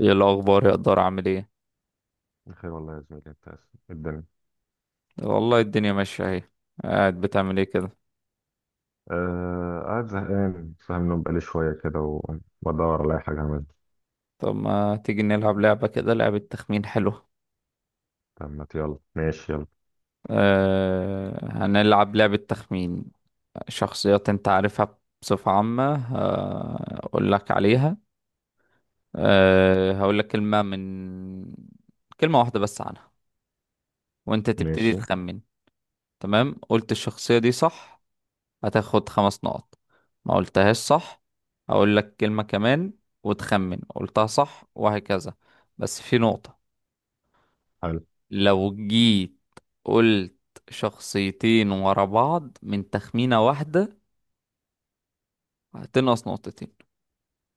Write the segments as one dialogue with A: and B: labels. A: ايه الاخبار يا قدر، عامل ايه؟
B: بخير والله يا زميلي انت اسف. الدنيا.
A: والله الدنيا ماشيه اهي. قاعد بتعمل ايه كده؟
B: آه، قاعد زهقان، صاحي من النوم بقالي شوية كده وبدور على أي حاجة أعملها.
A: طب ما تيجي نلعب لعبه كده، لعبه تخمين حلوه.
B: طب ما ت- يلا ماشي. يلا
A: أه، هنلعب لعبه تخمين. شخصيات انت عارفها بصفه عامه، هقول لك عليها. أه، هقول لك كلمه واحده بس عنها، وانت تبتدي
B: ماشي.
A: تخمن. تمام، قلت الشخصيه دي صح هتاخد 5 نقط. ما قلتهاش صح، هقول لك كلمة كمان وتخمن، قلتها صح وهكذا. بس في نقطة،
B: حلو.
A: لو جيت قلت شخصيتين ورا بعض من تخمينة واحدة هتنقص نقطتين.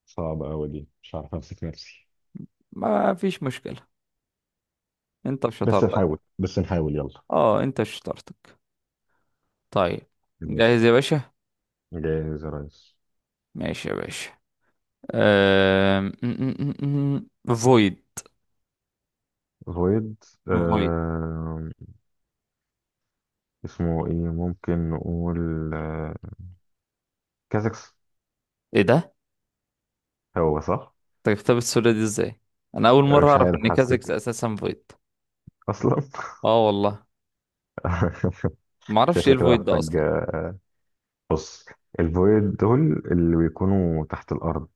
B: صعبة أوي دي، مش عارف أمسك نفسي.
A: ما فيش مشكلة، انت
B: بس
A: وشطارتك.
B: نحاول، بس نحاول، يلا.
A: اه، انت وشطارتك. طيب.
B: ماشي.
A: جاهز يا باشا؟
B: جاهز يا ريس.
A: ماشي يا باشا. أم... م- م- م- م- فويد.
B: غويد.
A: فويد.
B: آه. اسمه إيه؟ ممكن نقول. آه كازكس.
A: ايه ده؟
B: هو صح؟
A: طيب، كتاب السوله دي ازاي؟ انا اول مره
B: مش
A: اعرف
B: عارف،
A: ان
B: حسيت
A: كازكس اساسا فويد.
B: أصلا.
A: اه والله. ما اعرفش ايه
B: شكلي كده
A: الفويد ده
B: محتاج.
A: اصلا.
B: بص، الفويد دول اللي بيكونوا تحت الأرض،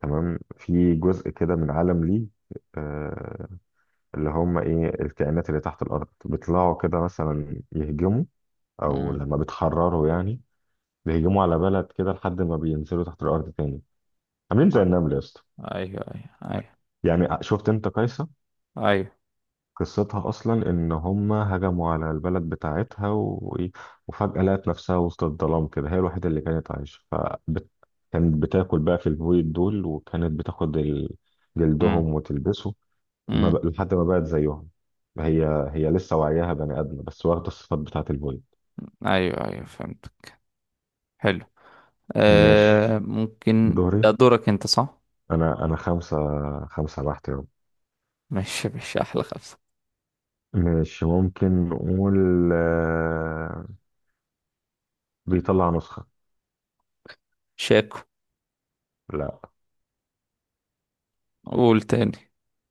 B: تمام، في جزء كده من عالم ليه، آه، اللي هم إيه، الكائنات اللي تحت الأرض بيطلعوا كده مثلا يهجموا أو
A: امم.
B: لما بيتحرروا يعني. بيهجموا على بلد كده لحد ما بينزلوا تحت الأرض تاني. عاملين زي
A: ايوه.
B: النمل يا اسطى.
A: ايوه، ايوه.
B: يعني شفت أنت قيصر؟
A: ايوه.
B: قصتها أصلا إن هما هجموا على البلد بتاعتها و... وفجأة لقت نفسها وسط الظلام كده، هي الوحيدة اللي كانت عايشة، فبت... كانت بتاكل بقى في البويض دول وكانت بتاخد
A: امم.
B: جلدهم وتلبسه. ما
A: امم.
B: بق- لحد ما بقت زيهم. هي هي لسه وعيها بني آدمة بس واخدة الصفات بتاعت البويض.
A: ايوه، ايوه، فهمتك. حلو.
B: ماشي،
A: آه، ممكن
B: دوري.
A: ده دورك انت، صح؟
B: أنا خمسة. خمسة بحت يوم.
A: ماشي، ماشي، احلى خمسه.
B: ماشي، ممكن نقول آه، بيطلع نسخة.
A: شاكو.
B: لا.
A: قول تاني.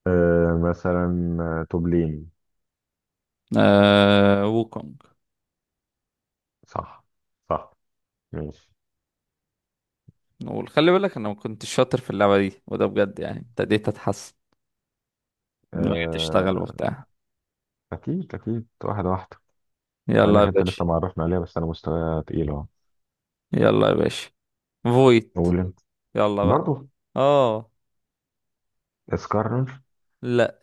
B: مثلا توبلين.
A: آه، ووكونج.
B: صح. صح. ماشي.
A: نقول خلي بالك انا ما كنتش شاطر في اللعبه دي، وده بجد يعني ابتديت اتحسن لما جيت
B: آه،
A: اشتغل وبتاع.
B: أكيد أكيد، واحدة واحدة. مع
A: يلا
B: إنك
A: يا
B: أنت
A: باشا.
B: لسه معرفنا عليها، بس أنا مستوايا تقيل أهو.
A: يلا يا باشا. فويد.
B: قول أنت.
A: يلا بقى.
B: برضه.
A: اه.
B: اسكرر.
A: لا.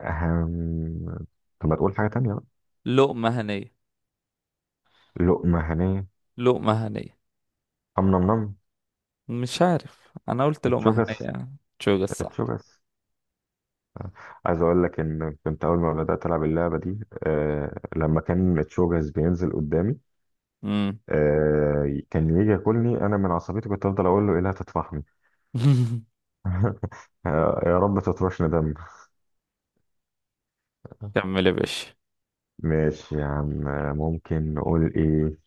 B: أهم. طب ما تقول حاجة تانية بقى.
A: لقمة هنية.
B: لقمة هنية.
A: لقمة هنية.
B: أم نم نم.
A: مش عارف، انا قلت لقمة
B: اتشوكس.
A: هنية. تشوج الصح.
B: اتشوكس. عايز أقول لك إن كنت أول ما بدأت ألعب اللعبة دي، آه، لما كان اتشوكس بينزل قدامي
A: امم.
B: آه كان يجي ياكلني، أنا من عصبيتي كنت أفضل أقول له إيه، لا تطفحني. يا رب تطفشني دم.
A: كمل يا باشا.
B: ماشي يا عم. ممكن نقول ايه؟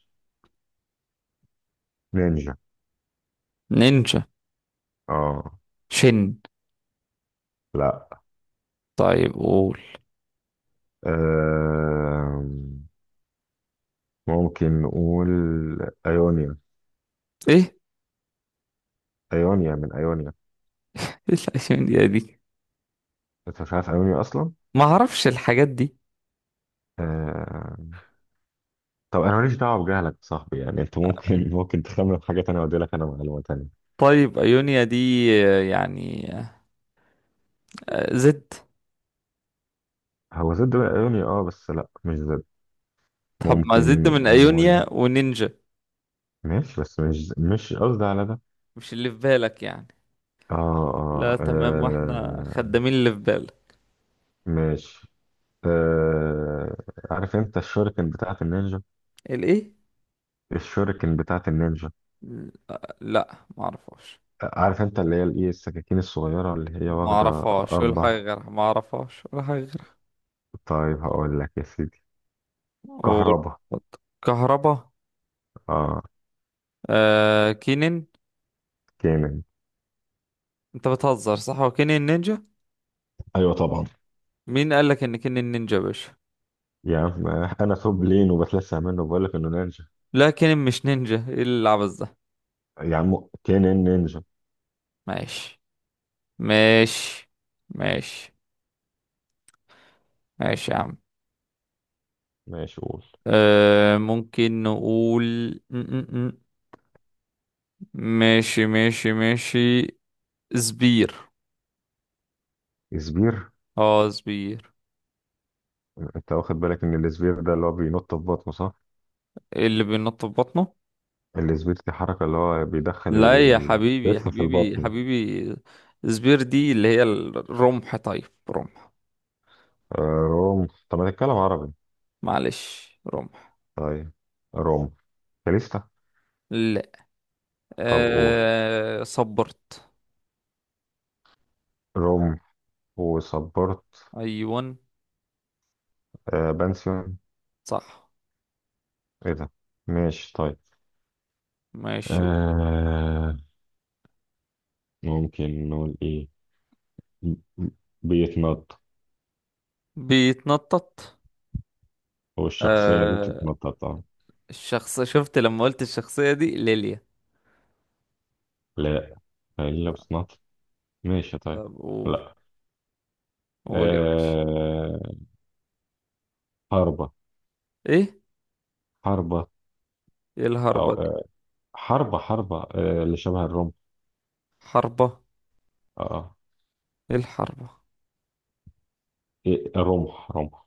B: نينجا.
A: نينجا.
B: اه.
A: شن.
B: لا.
A: طيب، قول.
B: آه، ممكن نقول ايونيا.
A: ايه؟
B: ايونيا من ايونيا.
A: ايه الايونيا دي؟
B: انت مش عارف ايونيا اصلا؟
A: ما اعرفش الحاجات دي.
B: آه. طب انا ماليش دعوه بجهلك يا صاحبي، يعني انت ممكن ممكن تخمن حاجه تانية وادي لك انا معلومه تانية.
A: طيب، ايونيا دي، آه، يعني، آه، زد.
B: هو ضد بقى ايونيا، اه، بس لا مش ضد.
A: طب ما
B: ممكن
A: زد من
B: نقول.
A: ايونيا ونينجا.
B: ماشي، بس مش قصدي على ده.
A: مش اللي في بالك يعني؟
B: اه
A: لا،
B: اه،
A: تمام، واحنا
B: آه.
A: خدامين اللي في بالك.
B: ماشي. آه، عارف انت الشuriكن بتاعت النينجا؟
A: الايه؟
B: الشuriكن بتاعت النينجا.
A: لا، ما اعرفهاش.
B: عارف انت اللي هي الايه، السكاكين الصغيرة اللي هي
A: ما
B: واخدة
A: اعرفهاش ولا
B: أربع.
A: حاجه غيرها، ما اعرفهاش ولا حاجه غيرها.
B: طيب هقول لك يا سيدي.
A: قول.
B: كهربا.
A: كهربا.
B: اه.
A: آه، كينين.
B: كامل.
A: انت بتهزر، صح؟ هو كينين نينجا؟
B: ايوه طبعا.
A: مين قال لك ان كينين نينجا يا باشا؟
B: يا عم، انا توب لين وبتلسع منه وبقول لك انه نينجا.
A: لا، كينين مش نينجا، ايه العبث ده؟
B: يا عم، كينين نينجا.
A: ماشي، ماشي، ماشي، ماشي يا عم.
B: ماشي، قول.
A: آه، ممكن نقول م -م -م. ماشي، ماشي، ماشي. زبير.
B: سبير.
A: اه، زبير.
B: انت واخد بالك ان السبير ده اللي هو بينط في بطنه صح؟
A: إيه اللي بينط في بطنه؟
B: السبير دي حركه اللي هو بيدخل
A: لا يا حبيبي يا
B: الكتف في
A: حبيبي يا
B: البطن.
A: حبيبي. زبير دي اللي هي الرمح، طيب رمح.
B: آه، روم. طب ما تتكلم عربي.
A: معلش، رمح.
B: طيب، روم. كاليستا.
A: لا.
B: طب قول.
A: آه، صبرت.
B: روم وصبرت.
A: ايون.
B: آه بنسيون.
A: صح.
B: ايه ده؟ ماشي طيب.
A: ماشي.
B: آه، ممكن نقول ايه؟ م- م- بيتنط.
A: بيتنطط.
B: هو الشخصية دي
A: آه،
B: بتتنطط طبعا.
A: الشخص، شفت لما قلت الشخصية دي ليليا.
B: لا، الا بتتنطط. ماشي طيب.
A: طب، قول.
B: لا.
A: قول يا باشا.
B: آه، حربة.
A: ايه؟
B: حربة.
A: ايه
B: او
A: الهربة دي؟
B: آه. حربة. حربة. آه اللي شبه الرمح.
A: حربة.
B: اه.
A: ايه الحربة؟
B: إيه، رمح رمح.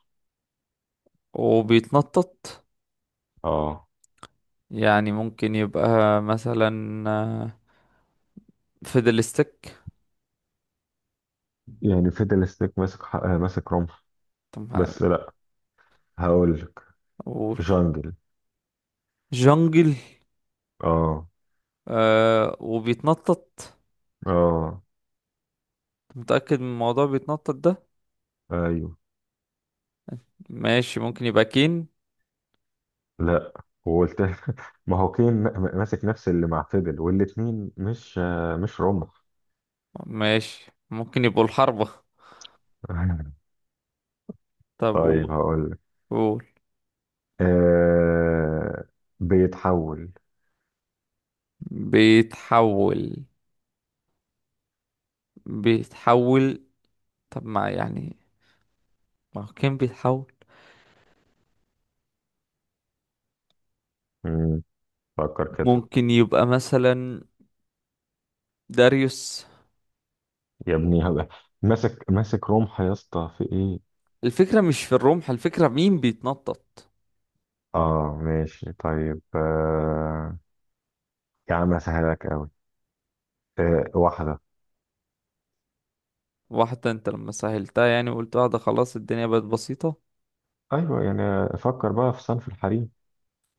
A: وبيتنطط؟
B: اه.
A: يعني ممكن يبقى مثلا، فيدلستيك.
B: يعني فيدل ستيك ماسك ماسك رمح.
A: طب ما-
B: بس لا. هقول لك.
A: قول.
B: جانجل.
A: جنجل.
B: اه.
A: آه، وبيتنطط.
B: اه.
A: متأكد من الموضوع بيتنطط ده؟
B: ايوه.
A: ماشي، ممكن يبقى كين.
B: لا. وقلت. ما هو كين ماسك نفس اللي مع فيدل والاتنين مش مش رمح.
A: ماشي، ممكن يبقوا الحربة. طب،
B: طيب
A: قول.
B: هقول لك.
A: قول.
B: آه. بيتحول.
A: بيتحول. بيتحول. طب، ما يعني، ما هو كين بيتحول.
B: مم، فكر كده.
A: ممكن يبقى مثلا داريوس.
B: يا ابني هبقى. ماسك ماسك رمح يا اسطى، في ايه؟
A: الفكرة مش في الرمح، الفكرة مين بيتنطط.
B: اه ماشي طيب. آه، يا عم اسهلك قوي. آه، واحده.
A: واحدة؟ انت لما سهلتها يعني وقلت واحدة خلاص الدنيا بقت بسيطة.
B: ايوه، يعني فكر بقى في صنف الحريم.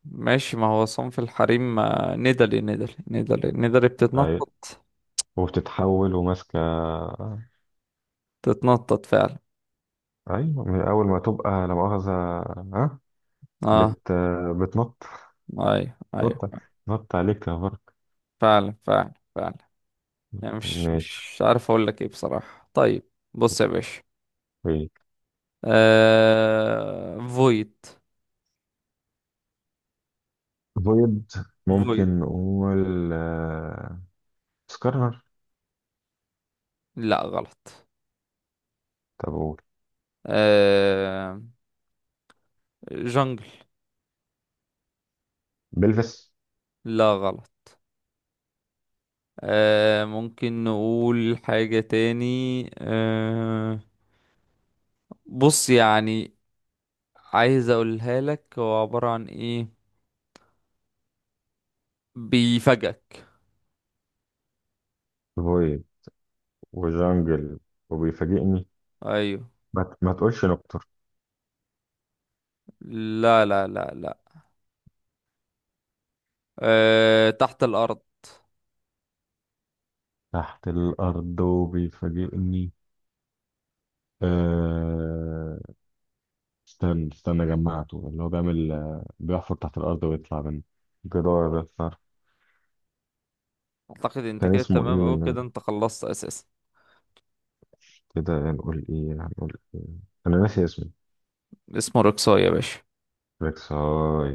A: ماشي، ما هو صنف الحريم، آه، ندلي ندلي ندلي ندلي
B: أيوة.
A: بتتنطط.
B: وبتتحول وماسكه.
A: تتنطط فعلا.
B: ايوه من اول ما تبقى لا مؤاخذه. ها.
A: اه.
B: بت. بتنط.
A: ايوه، ايوه.
B: نط. نط عليك يا فرق.
A: فعلا، فعلا، فعلا. يعني مش
B: ماشي
A: مش عارف اقول لك ايه بصراحة. طيب. بص يا باشا.
B: طيب.
A: فويد.
B: فويد.
A: فويد.
B: ممكن نقول سكارنر.
A: لا، غلط.
B: طب قول.
A: آه... جنجل.
B: بلفس.
A: لا، غلط. ممكن نقول حاجة تاني. آه... بص يعني، عايز اقولها لك هو عبارة عن ايه، بيفاجئك.
B: فويد وجانجل وبيفاجئني.
A: ايوه.
B: ما تقولش نكتر.
A: لا، لا، لا، لا. تحت الارض.
B: تحت الارض وبيفاجئني. أه... استنى استنى، جمعته اللي هو بيعمل، بيحفر تحت الارض ويطلع من جدار بيطلع.
A: اعتقد انت
B: كان
A: كده
B: اسمه
A: تمام اوي،
B: ايه؟
A: كده انت خلصت اساسا.
B: كده نقول ايه، هنقول ايه؟ انا ناسي اسمه.
A: اسمه رقصة يا باشا.
B: ريكساي.